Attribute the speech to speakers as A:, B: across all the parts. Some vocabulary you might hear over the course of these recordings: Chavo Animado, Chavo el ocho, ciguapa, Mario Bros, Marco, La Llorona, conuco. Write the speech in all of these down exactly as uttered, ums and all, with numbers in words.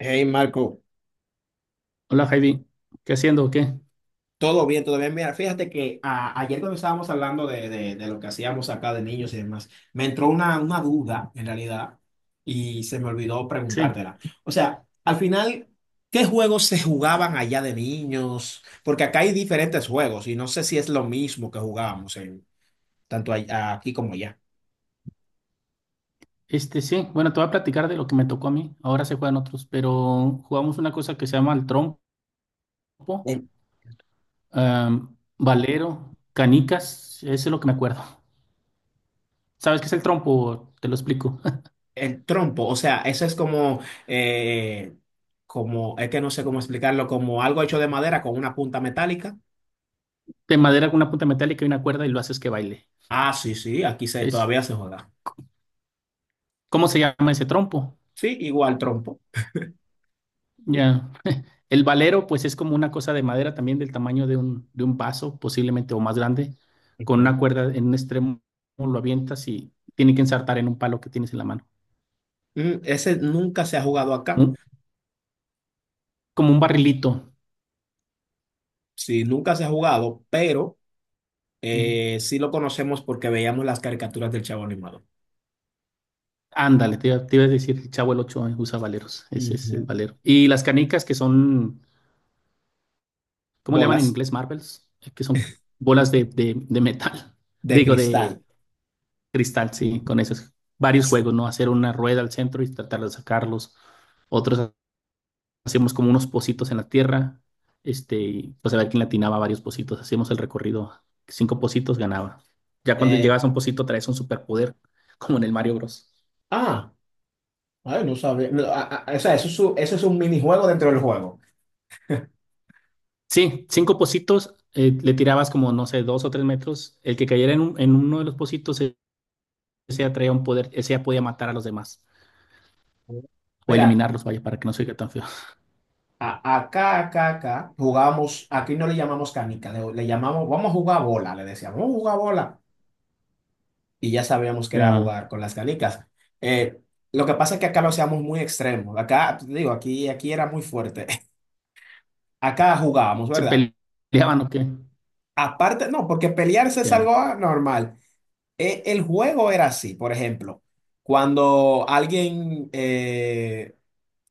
A: Hey Marco,
B: Hola Heidi, ¿qué haciendo o qué?
A: todo bien, todo bien. Mira, fíjate que a- ayer cuando estábamos hablando de, de- de lo que hacíamos acá de niños y demás, me entró una, una duda en realidad y se me olvidó
B: Sí,
A: preguntártela. O sea, al final, ¿qué juegos se jugaban allá de niños? Porque acá hay diferentes juegos y no sé si es lo mismo que jugábamos en, tanto ahí- aquí como allá.
B: este sí, bueno, te voy a platicar de lo que me tocó a mí, ahora se juegan otros, pero jugamos una cosa que se llama el trompo,
A: El,
B: am, valero, canicas, eso es lo que me acuerdo. ¿Sabes qué es el trompo? Te lo explico.
A: el trompo, o sea, eso es como, eh, como, es que no sé cómo explicarlo, como algo hecho de madera con una punta metálica.
B: De madera con una punta metálica y una cuerda y lo haces que baile.
A: Ah, sí, sí, aquí se,
B: Es,
A: todavía se juega.
B: ¿cómo se llama ese trompo?
A: Sí, igual trompo.
B: Ya. El valero, pues es como una cosa de madera también del tamaño de un, de un vaso, posiblemente o más grande, con
A: Ok.
B: una cuerda en un extremo, lo avientas y tiene que ensartar en un palo que tienes en la mano.
A: Mm, Ese nunca se ha jugado acá.
B: Un- como un barrilito.
A: Sí, nunca se ha jugado, pero
B: ¿Sí?
A: eh, sí lo conocemos porque veíamos las caricaturas del Chavo Animado.
B: Ándale, te, iba te iba a decir, el Chavo el ocho usa valeros, ese es el
A: Ujú.
B: valero. Y las canicas que son, ¿cómo le llaman en
A: Bolas
B: inglés? Marbles, eh, que son bolas de, de, de metal,
A: de
B: digo, de
A: cristal.
B: cristal, sí, con esos varios juegos, ¿no? Hacer una rueda al centro y tratar de sacarlos, otros hacíamos como unos pocitos en la tierra, este, y, pues a ver quién latinaba varios pocitos, hacíamos el recorrido, cinco pocitos ganaba. Ya cuando
A: Eh,
B: llegabas a un pocito traes un superpoder, como en el Mario Bros.
A: ah, Ay, no sabía. No, a- a- o sea, eso es, un- eso es un minijuego dentro del juego.
B: Sí, cinco pocitos, eh, le tirabas como, no sé, dos o tres metros, el que cayera en, un- en uno de los pocitos, ese ese ya traía un poder, ese ya podía matar a los demás, o
A: Mira,
B: eliminarlos, vaya, para que no se oiga tan feo.
A: a- acá, acá, acá, jugamos, aquí no le llamamos canica, le, le llamamos, vamos a jugar bola, le decíamos, vamos a jugar bola. Y ya sabíamos que era
B: Ya.
A: jugar con las canicas. Eh, lo que pasa es que acá lo hacíamos muy extremo. Acá, te digo, aquí, aquí era muy fuerte. Acá jugábamos,
B: ¿Se
A: ¿verdad?
B: peleaban o qué?
A: Aparte, no, porque pelearse es algo
B: Ya,
A: ah, normal. Eh, el juego era así, por ejemplo, cuando alguien, eh,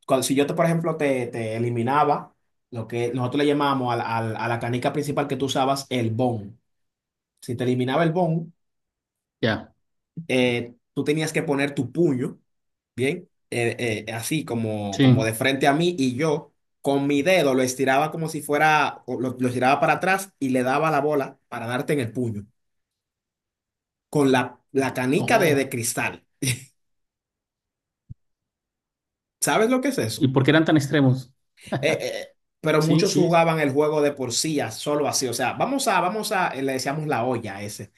A: cuando, si yo, te, por ejemplo, te, te eliminaba, lo que nosotros le llamábamos al- al- a la canica principal que tú usabas, el bon. Si te eliminaba el bon,
B: ya,
A: eh, tú tenías que poner tu puño, ¿bien? Eh, eh, así como,
B: sí.
A: como de frente a mí y yo con mi dedo lo estiraba como si fuera, o lo, lo estiraba para atrás y le daba la bola para darte en el puño, con la, la canica de, de
B: Oh,
A: cristal. ¿Sabes lo que es eso?
B: ¿y por qué eran tan extremos?
A: Eh, eh, eh, pero
B: Sí,
A: muchos
B: sí,
A: jugaban el juego de por sí, a- solo así. O sea, vamos a, vamos a, eh, le decíamos la olla a ese.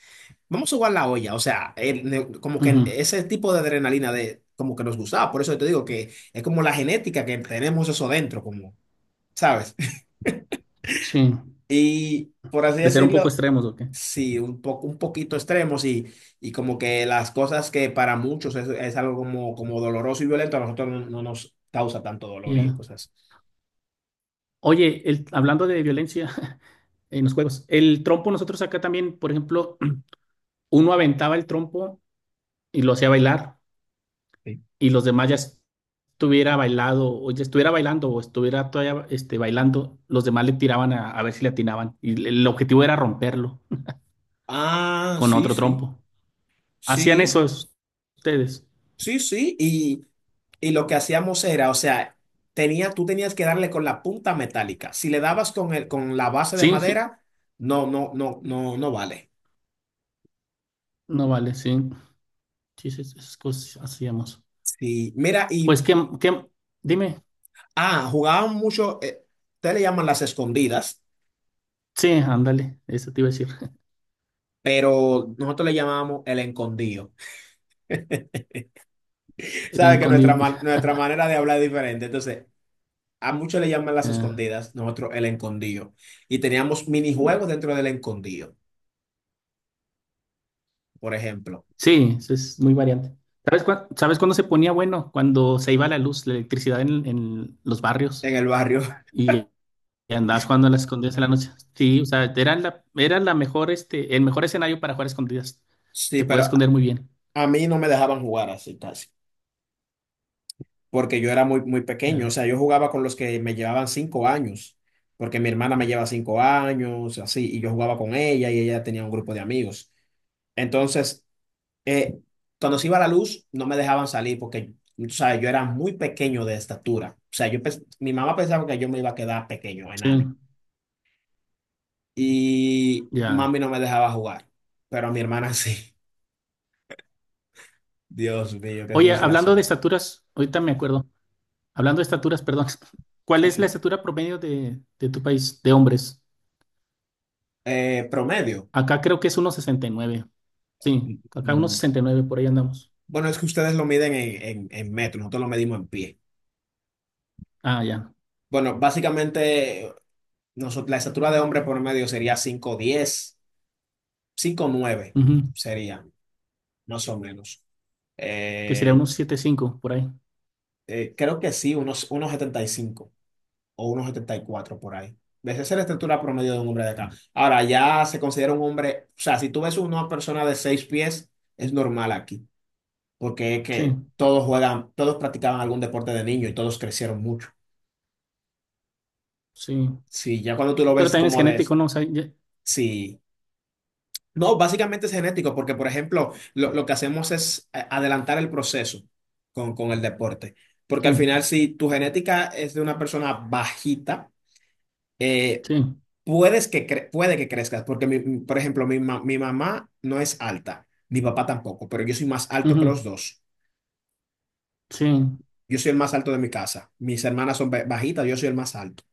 A: Vamos a jugar la olla, o sea, el- ne- como que
B: ujú,
A: ese tipo de adrenalina de, como que nos gustaba, por eso te digo que es como la genética que tenemos eso dentro, como, ¿sabes?
B: sí.
A: Y por así
B: De ser un poco
A: decirlo,
B: extremos, ¿o qué?
A: sí, un poco, un poquito extremos y, y como que las cosas que para muchos es, es algo como, como doloroso y violento, a nosotros no, no nos causa tanto dolor y
B: Ya.
A: cosas.
B: Oye, el- hablando de violencia en los juegos, el trompo nosotros acá también, por ejemplo, uno aventaba el trompo y lo hacía bailar
A: Así.
B: y los demás ya estuviera bailado o ya estuviera bailando o estuviera todavía este, bailando, los demás le tiraban a, a ver si le atinaban y el el objetivo era romperlo
A: Ah,
B: con
A: sí,
B: otro
A: sí,
B: trompo. ¿Hacían
A: sí.
B: eso es- ustedes?
A: Sí, sí, y, y lo que hacíamos era, o sea, tenía, tú tenías que darle con la punta metálica. Si le dabas con el, con la base de
B: Sí, sí,
A: madera, no, no, no, no, no vale.
B: no vale, sí. Sí, sí, esas cosas hacíamos.
A: Y mira, y,
B: Pues que, dime,
A: ah, jugaban mucho, eh, ustedes le llaman las escondidas,
B: sí, ándale, eso te iba a decir.
A: pero nosotros le llamábamos el escondido.
B: El
A: Sabe que nuestra,
B: encondido.
A: man- nuestra manera de hablar es diferente. Entonces, a muchos le llaman las
B: Ya.
A: escondidas, nosotros el escondido. Y teníamos minijuegos dentro del escondido, por ejemplo,
B: Sí, eso es muy variante. ¿Sabes, cuá- ¿sabes cuándo se ponía bueno? Cuando se iba la luz, la electricidad en, en los
A: en
B: barrios
A: el barrio.
B: y, y andabas jugando a las escondidas en la noche. Sí, o sea, era la, era la mejor, este, el mejor escenario para jugar a escondidas.
A: Sí,
B: Te
A: pero
B: puedes esconder muy bien.
A: a mí no me dejaban jugar así casi, porque yo era muy, muy pequeño, o
B: Ya.
A: sea, yo jugaba con los que me llevaban cinco años, porque mi hermana me lleva cinco años, así, y yo jugaba con ella y ella tenía un grupo de amigos. Entonces, eh, cuando se iba la luz, no me dejaban salir porque, o sea, yo era muy pequeño de estatura, o sea, yo, pens- mi mamá pensaba que yo me iba a quedar pequeño,
B: Sí,
A: enano, y
B: ya.
A: mami no me dejaba jugar, pero a mi hermana sí. Dios mío, qué
B: Oye, hablando de
A: frustración.
B: estaturas, ahorita me acuerdo. Hablando de estaturas, perdón. ¿Cuál
A: Sí,
B: es la
A: sí.
B: estatura promedio de, de tu país de hombres?
A: Eh, promedio.
B: Acá creo que es uno sesenta y nueve. Sí, acá uno sesenta y nueve por ahí andamos.
A: Bueno, es que ustedes lo miden en, en, en metro, nosotros lo medimos en pie.
B: Ah, ya.
A: Bueno, básicamente nosotros, la estatura de hombre por medio sería cinco diez, cinco nueve
B: Ujú.
A: sería, más o menos.
B: Que sería
A: Eh,
B: unos siete cinco por ahí.
A: eh, Creo que sí, unos, unos setenta y cinco o unos setenta y cuatro por ahí. Esa es la estatura promedio de un hombre de acá. Ahora, ya se considera un hombre, o sea, si tú ves una persona de seis pies, es normal aquí, porque es
B: Sí,
A: que todos juegan, todos practicaban algún deporte de niño y todos crecieron mucho.
B: sí.
A: Sí, ya cuando tú lo
B: Pero
A: ves
B: también es
A: como de...
B: genético, ¿no? O sea, ya-
A: Sí. No, básicamente es genético, porque por ejemplo, lo, lo que hacemos es eh, adelantar el proceso con, con el deporte. Porque
B: sí,
A: al final, si tu genética es de una persona bajita, eh,
B: sí.
A: puedes que cre- puede que crezcas, porque mi- mi- por ejemplo, mi, ma- mi mamá no es alta, mi papá tampoco, pero yo soy más alto que
B: Ujú.
A: los dos.
B: Sí,
A: Yo soy el más alto de mi casa. Mis hermanas son ba- bajitas, yo soy el más alto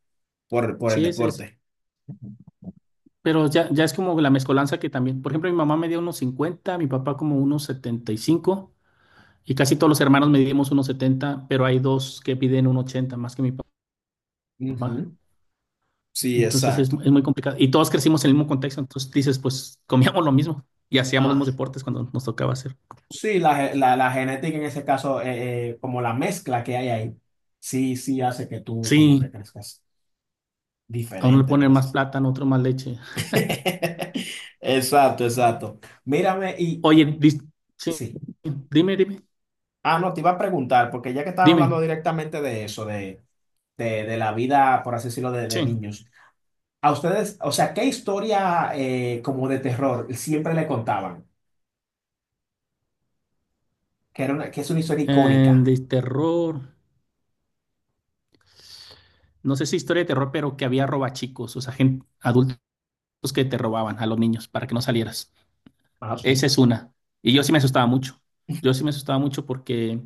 A: por, por el
B: sí, es, es.
A: deporte.
B: Pero ya, ya es como la mezcolanza que también. Por ejemplo, mi mamá me dio unos cincuenta, mi papá como unos setenta y cinco y casi todos los hermanos medimos unos setenta, pero hay dos que piden un ochenta más que mi papá.
A: Ujú. Sí,
B: Entonces es,
A: exacto.
B: es muy complicado. Y todos crecimos en el mismo contexto. Entonces dices, pues comíamos lo mismo y hacíamos los mismos deportes cuando nos tocaba hacer.
A: Sí, la, ge- la, la genética en ese caso, eh, eh, como la mezcla que hay ahí, sí, sí hace que tú como que
B: Sí,
A: crezcas
B: a uno le
A: diferente, por
B: ponen
A: así
B: más
A: decirlo.
B: plátano, otro más leche.
A: Exacto, exacto. Mírame y
B: Oye, dis- sí,
A: sí.
B: dime, dime,
A: Ah, no, te iba a preguntar, porque ya que estaban hablando
B: dime,
A: directamente de eso, de, de, de la vida, por así decirlo, de, de
B: sí.
A: niños, a ustedes, o sea, ¿qué historia eh, como de terror siempre le contaban? Que, era una, que es una historia
B: Eh,
A: icónica.
B: de terror, no sé si historia de terror, pero que había robachicos, o sea, gente, adultos que te robaban a los niños para que no salieras.
A: Ah, sí.
B: Esa es una. Y yo sí me asustaba mucho. Yo sí me asustaba mucho porque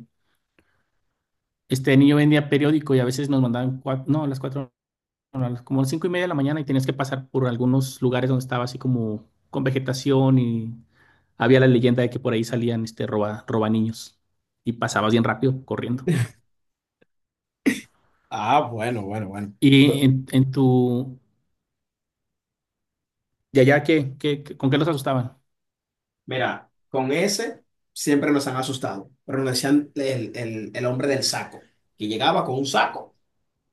B: este niño vendía periódico y a veces nos mandaban, cua- no, a las cuatro a las- como cinco y media de la mañana y tenías que pasar por algunos lugares donde estaba así como con vegetación y había la leyenda de que por ahí salían este roba, roba niños y pasabas bien rápido corriendo.
A: Ah, bueno, bueno, bueno.
B: ¿Y en, en tu de allá qué, qué, qué- con qué los asustaban?
A: Mira, con ese siempre nos han asustado, pero nos decían el, el- el hombre del saco, que llegaba con un saco,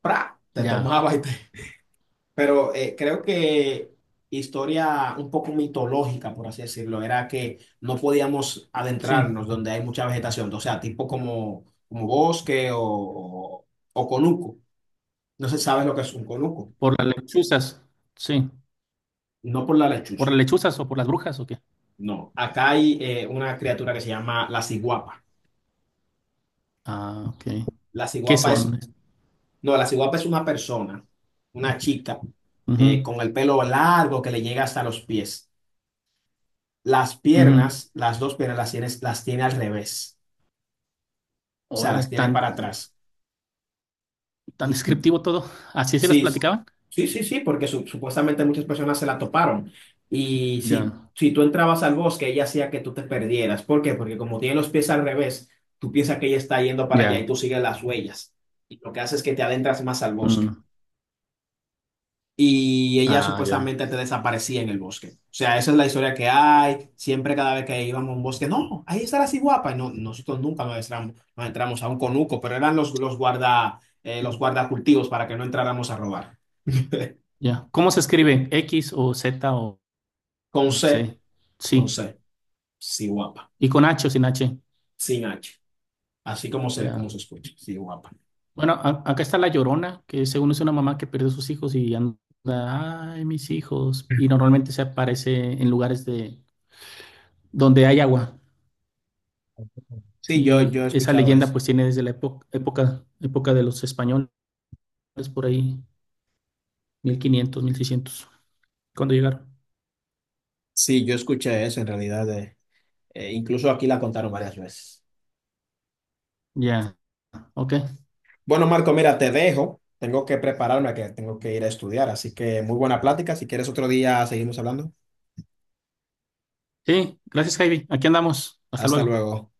A: ¡pra! Te
B: Ya,
A: tomaba y te... Pero eh, creo que historia un poco mitológica, por así decirlo, era que no podíamos
B: sí,
A: adentrarnos donde hay mucha vegetación, o sea, tipo como, como bosque o, o, o conuco. No se sabe lo que es un conuco,
B: por las lechuzas, sí,
A: no por la
B: por las
A: lechuza,
B: lechuzas o por las brujas o qué.
A: no. Acá hay eh, una criatura que se llama la ciguapa.
B: Ah, ok.
A: La
B: ¿Qué
A: ciguapa es
B: son?
A: No, la ciguapa es una persona, una chica,
B: Ujú,
A: eh, con el pelo largo que le llega hasta los pies. Las
B: ujú.
A: piernas, las dos piernas las tiene, las tiene al revés, o sea, las
B: Órale,
A: tiene para
B: tan,
A: atrás.
B: tan
A: Ujú.
B: descriptivo todo. ¿Así se las
A: Sí, s-
B: platicaban?
A: sí, sí, sí, porque su- supuestamente muchas personas se la toparon. Y si,
B: Ya,
A: si tú entrabas al bosque, ella hacía que tú te perdieras. ¿Por qué? Porque como tiene los pies al revés, tú piensas que ella está yendo para allá y
B: ya.
A: tú sigues las huellas. Y lo que hace es que te adentras más al bosque.
B: Mm.
A: Y ella
B: Ah, ya.
A: supuestamente te desaparecía en el bosque. O sea, esa es la historia que hay. Siempre cada vez que íbamos a un bosque, no, ahí está la guapa. Y no, nosotros nunca nos entramos, nos entramos a un conuco, pero eran los, los guarda, eh, los guardacultivos para que no entráramos a robar.
B: Ya. ¿Cómo se escribe? ¿X o Z o,
A: Con
B: o
A: C,
B: C?
A: con
B: Sí.
A: C, sí, guapa,
B: ¿Y con H o sin H?
A: sin H. Así como se,
B: Ya.
A: como se escucha, sí, guapa.
B: Bueno, a- acá está La Llorona, que según es una mamá que pierde a sus hijos y anda, ay, mis hijos. Y normalmente se aparece en lugares de donde hay agua.
A: Sí, yo,
B: Y
A: yo he
B: esa
A: escuchado
B: leyenda
A: eso.
B: pues tiene desde la época, época, época de los españoles, por ahí, mil quinientos, mil seiscientos cuando llegaron.
A: Sí, yo escuché eso en realidad. De- eh, e incluso aquí la contaron varias veces.
B: Ya, ok.
A: Bueno, Marco, mira, te dejo. Tengo que prepararme, que tengo que ir a estudiar. Así que muy buena plática. Si quieres otro día, seguimos hablando.
B: Sí, gracias, Javi. Aquí andamos. Hasta
A: Hasta
B: luego.
A: luego.